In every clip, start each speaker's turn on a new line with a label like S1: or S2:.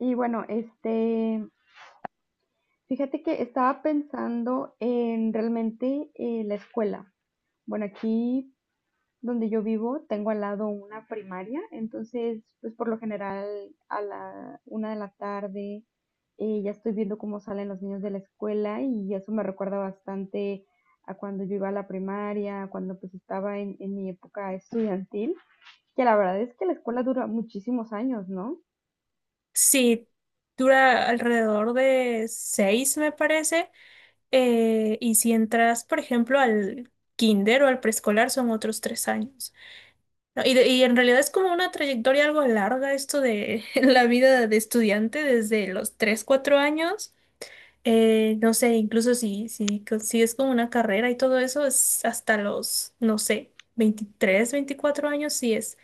S1: Y bueno, fíjate que estaba pensando en realmente la escuela. Bueno, aquí donde yo vivo tengo al lado una primaria, entonces pues por lo general a la una de la tarde ya estoy viendo cómo salen los niños de la escuela y eso me recuerda bastante a cuando yo iba a la primaria, cuando pues estaba en mi época estudiantil, que la verdad es que la escuela dura muchísimos años, ¿no?
S2: Sí, dura alrededor de 6, me parece. Y si entras, por ejemplo, al kinder o al preescolar, son otros 3 años. No, y en realidad es como una trayectoria algo larga esto de la vida de estudiante desde los 3, 4 años. No sé, incluso si consigues con una carrera y todo eso, es hasta los, no sé, 23, 24 años, sí es,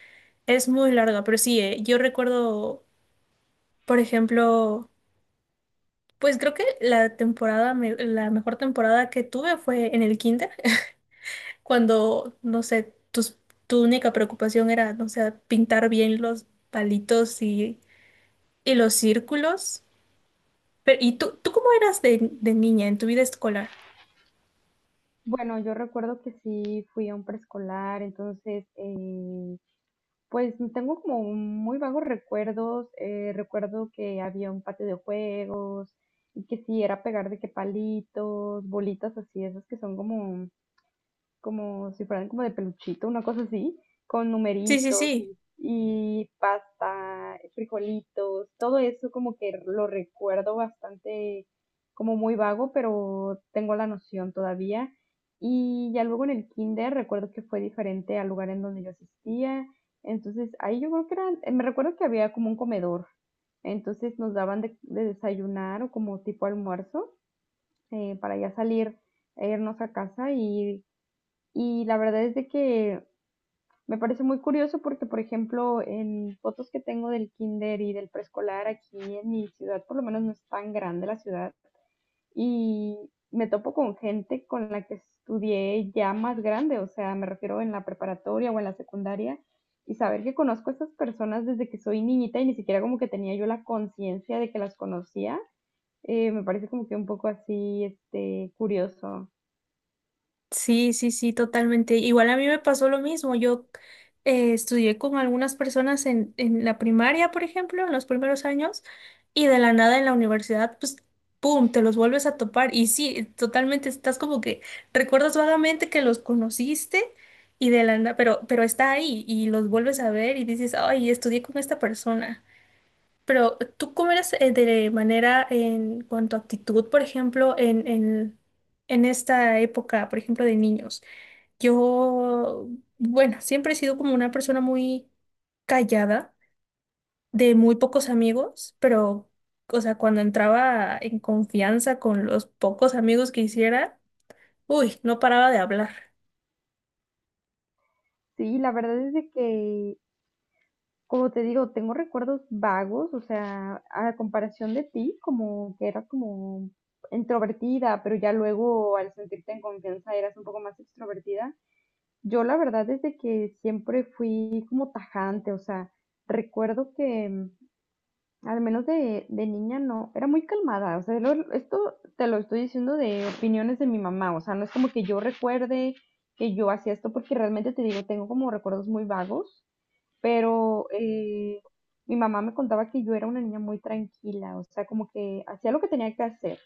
S2: es muy larga. Pero sí, yo recuerdo, por ejemplo. Pues creo que la temporada, la mejor temporada que tuve fue en el kinder, cuando, no sé, tu única preocupación era, no sé, pintar bien los palitos y los círculos. Pero, ¿y tú cómo eras de niña en tu vida escolar?
S1: Bueno, yo recuerdo que sí fui a un preescolar, entonces, pues tengo como un muy vagos recuerdos. Recuerdo que había un patio de juegos y que sí era pegar de que palitos, bolitas así, esas que son como como si fueran como de peluchito, una cosa así, con
S2: Sí, sí,
S1: numeritos
S2: sí.
S1: y, y pasta, frijolitos, todo eso como que lo recuerdo bastante como muy vago, pero tengo la noción todavía. Y ya luego en el kinder recuerdo que fue diferente al lugar en donde yo asistía. Entonces ahí yo creo que eran, me recuerdo que había como un comedor. Entonces nos daban de desayunar o como tipo almuerzo para ya salir e irnos a casa y la verdad es de que me parece muy curioso porque, por ejemplo, en fotos que tengo del kinder y del preescolar aquí en mi ciudad, por lo menos no es tan grande la ciudad, y me topo con gente con la que estudié ya más grande, o sea, me refiero en la preparatoria o en la secundaria, y saber que conozco a estas personas desde que soy niñita y ni siquiera como que tenía yo la conciencia de que las conocía, me parece como que un poco así, este, curioso.
S2: Sí, sí, sí, totalmente. Igual a mí me pasó lo mismo. Yo estudié con algunas personas en la primaria, por ejemplo, en los primeros años, y de la nada en la universidad, pues, ¡pum!, te los vuelves a topar. Y sí, totalmente, estás como que recuerdas vagamente que los conociste y de la nada, pero está ahí y los vuelves a ver y dices, ay, estudié con esta persona. Pero tú cómo eres de manera en cuanto a actitud, por ejemplo, en esta época, por ejemplo, de niños. Yo, bueno, siempre he sido como una persona muy callada, de muy pocos amigos, pero, o sea, cuando entraba en confianza con los pocos amigos que hiciera, uy, no paraba de hablar.
S1: Sí, la verdad es de que como te digo, tengo recuerdos vagos, o sea, a comparación de ti, como que eras como introvertida, pero ya luego al sentirte en confianza eras un poco más extrovertida. Yo la verdad es de que siempre fui como tajante, o sea, recuerdo que al menos de niña no, era muy calmada, o sea, lo- esto te lo estoy diciendo de opiniones de mi mamá, o sea, no es como que yo recuerde que yo hacía esto porque realmente te digo, tengo como recuerdos muy vagos pero mi mamá me contaba que yo era una niña muy tranquila, o sea, como que hacía lo que tenía que hacer.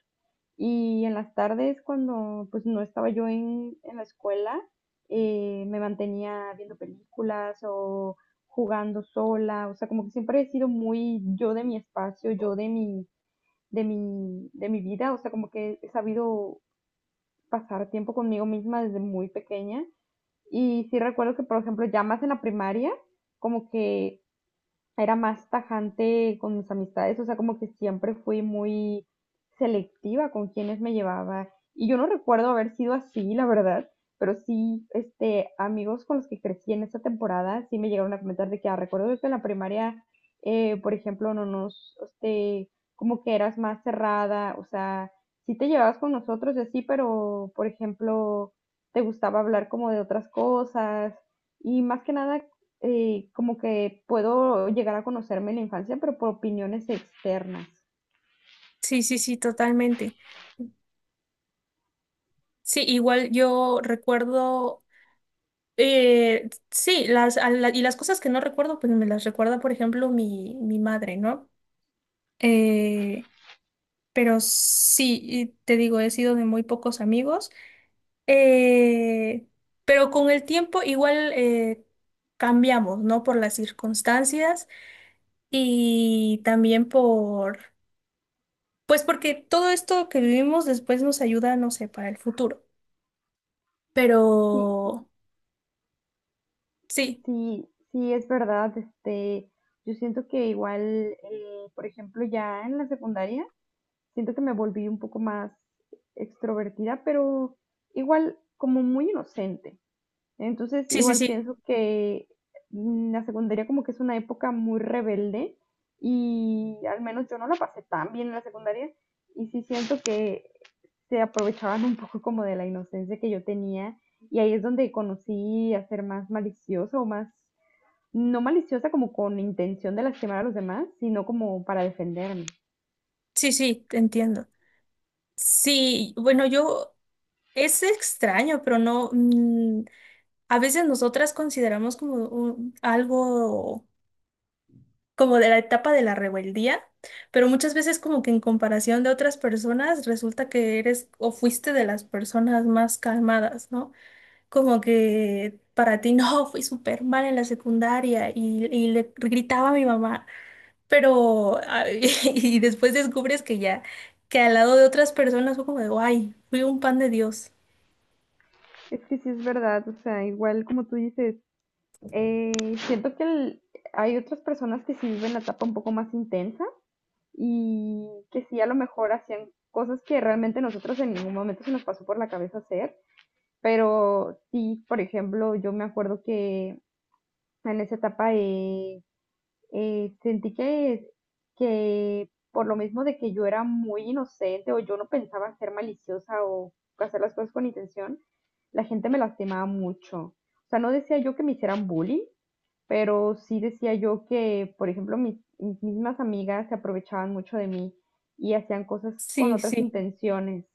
S1: Y en las tardes, cuando pues no estaba yo en la escuela, me mantenía viendo películas o jugando sola, o sea, como que siempre he sido muy yo de mi espacio, yo de mi vida, o sea, como que he sabido pasar tiempo conmigo misma desde muy pequeña. Y sí recuerdo que, por ejemplo, ya más en la primaria, como que era más tajante con mis amistades, o sea, como que siempre fui muy selectiva con quienes me llevaba. Y yo no recuerdo haber sido así, la verdad, pero sí, este, amigos con los que crecí en esa temporada, sí me llegaron a comentar de que, ah, recuerdo que en la primaria, por ejemplo, no nos, este, como que eras más cerrada, o sea, sí te llevabas con nosotros y así, pero, por ejemplo, te gustaba hablar como de otras cosas. Y más que nada como que puedo llegar a conocerme en la infancia, pero por opiniones externas.
S2: Sí, sí, sí, totalmente. Sí, igual yo recuerdo. Sí, y las cosas que no recuerdo, pues me las recuerda, por ejemplo, mi madre, ¿no? Eh, pero sí, y te digo, he sido de muy pocos amigos, eh, pero con el tiempo igual cambiamos, ¿no? Por las circunstancias y también pues porque todo esto que vivimos después nos ayuda, no sé, para el futuro. Pero
S1: Sí,
S2: sí,
S1: sí, sí, es verdad. Este, yo siento que igual, por ejemplo, ya en la secundaria, siento que me volví un poco más extrovertida, pero igual como muy inocente. Entonces,
S2: sí, sí,
S1: igual pienso
S2: sí,
S1: que la secundaria como que es una época muy rebelde y al menos yo no la pasé tan bien en la secundaria y sí siento que se aprovechaban un poco como de la inocencia que yo tenía y ahí es donde conocí a ser más maliciosa o más, no maliciosa como con intención de lastimar a los demás, sino como para defenderme.
S2: sí, sí, te entiendo. Sí, bueno, yo es extraño, pero no, a veces nosotras consideramos como algo como de la etapa de la rebeldía, pero muchas veces como que en comparación de otras personas resulta que eres o fuiste de las personas más calmadas, ¿no? Como que para ti no, fui súper mal en la secundaria y le gritaba a mi mamá, pero ay, y después descubres que ya, que al lado de otras personas fue como de, ay, fui un pan de Dios.
S1: Es que sí es verdad, o sea, igual como tú dices, eh, siento que el- hay otras personas que sí viven la etapa un poco más intensa y que sí, a lo mejor hacían cosas que realmente nosotros en ningún momento se nos pasó por la cabeza hacer, pero sí, por ejemplo, yo me acuerdo que en esa etapa sentí que por lo mismo de que yo era muy inocente o yo no pensaba ser maliciosa o hacer las cosas con intención, la gente me lastimaba mucho. O sea, no decía yo que me hicieran bullying, pero sí decía yo que, por ejemplo, mis mismas amigas se aprovechaban mucho de mí y hacían cosas con
S2: Sí,
S1: otras
S2: sí.
S1: intenciones.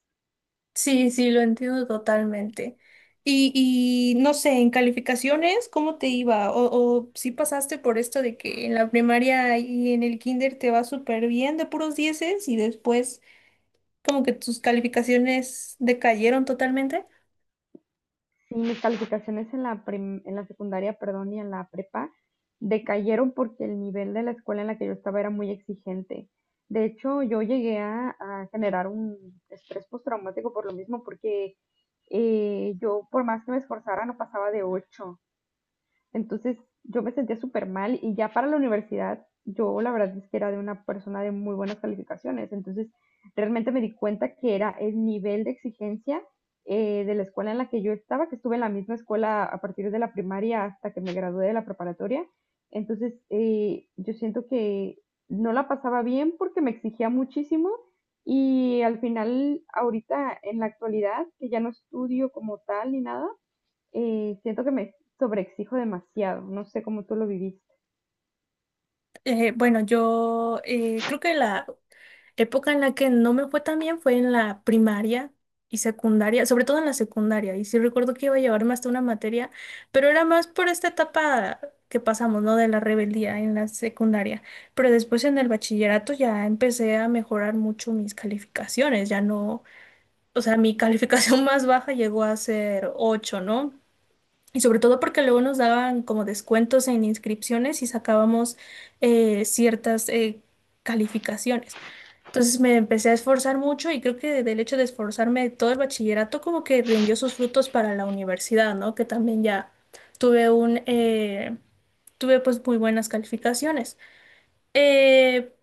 S2: Sí, sí, lo entiendo totalmente. Y no sé, en calificaciones, ¿cómo te iba? O si pasaste por esto de que en la primaria y en el kinder te va súper bien de puros dieces y después como que tus calificaciones decayeron totalmente.
S1: Y mis calificaciones en la, prim- en la secundaria, perdón, y en la prepa decayeron porque el nivel de la escuela en la que yo estaba era muy exigente. De hecho, yo llegué a generar un estrés postraumático por lo mismo, porque yo, por más que me esforzara, no pasaba de 8. Entonces yo me sentía súper mal y ya para la universidad yo la verdad es que era de una persona de muy buenas calificaciones. Entonces realmente me di cuenta que era el nivel de exigencia de la escuela en la que yo estaba, que estuve en la misma escuela a partir de la primaria hasta que me gradué de la preparatoria. Entonces yo siento que no la pasaba bien porque me exigía muchísimo y al final ahorita en la actualidad, que ya no estudio como tal ni nada siento que me sobreexijo demasiado. No sé cómo tú lo viviste.
S2: Bueno, yo creo que la época en la que no me fue tan bien fue en la primaria y secundaria, sobre todo en la secundaria. Y sí recuerdo que iba a llevarme hasta una materia, pero era más por esta etapa que pasamos, ¿no? De la rebeldía en la secundaria. Pero después en el bachillerato ya empecé a mejorar mucho mis calificaciones. Ya no, o sea, mi calificación más baja llegó a ser 8, ¿no? Y sobre todo porque luego nos daban como descuentos en inscripciones y sacábamos ciertas calificaciones. Entonces me empecé a esforzar mucho y creo que del hecho de esforzarme todo el bachillerato como que rindió sus frutos para la universidad, ¿no? Que también ya tuve un, eh, tuve pues muy buenas calificaciones. Eh,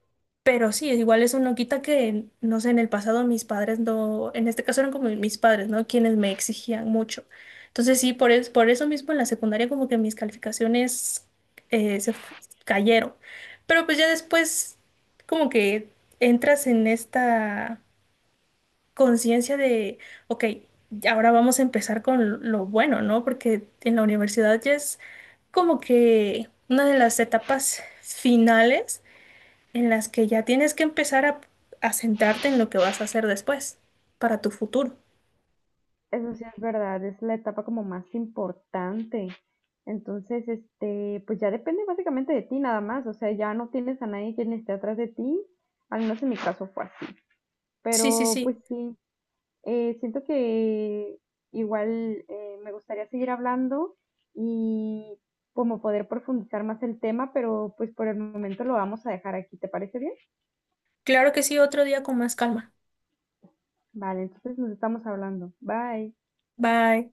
S2: pero sí, es igual eso no quita que, no sé, en el pasado mis padres no, en este caso eran como mis padres, ¿no? Quienes me exigían mucho. Entonces sí, por eso mismo en la secundaria como que mis calificaciones eh, se fu- cayeron. Pero pues ya después como que entras en esta conciencia de, ok, ahora vamos a empezar con lo bueno, ¿no? Porque en la universidad ya es como que una de las etapas finales en las que ya tienes que empezar a centrarte en lo que vas a hacer después, para tu futuro.
S1: Eso sí es verdad, es la etapa como más importante. Entonces, este, pues ya depende básicamente de ti nada más. O sea, ya no tienes a nadie quien esté atrás de ti. Al menos en mi caso fue así.
S2: Sí, sí,
S1: Pero
S2: sí.
S1: pues sí, siento que igual me gustaría seguir hablando y como poder profundizar más el tema, pero pues por el momento lo vamos a dejar aquí. ¿Te parece bien?
S2: Claro que sí, otro día con más calma.
S1: Vale, entonces nos estamos hablando. Bye.
S2: Bye.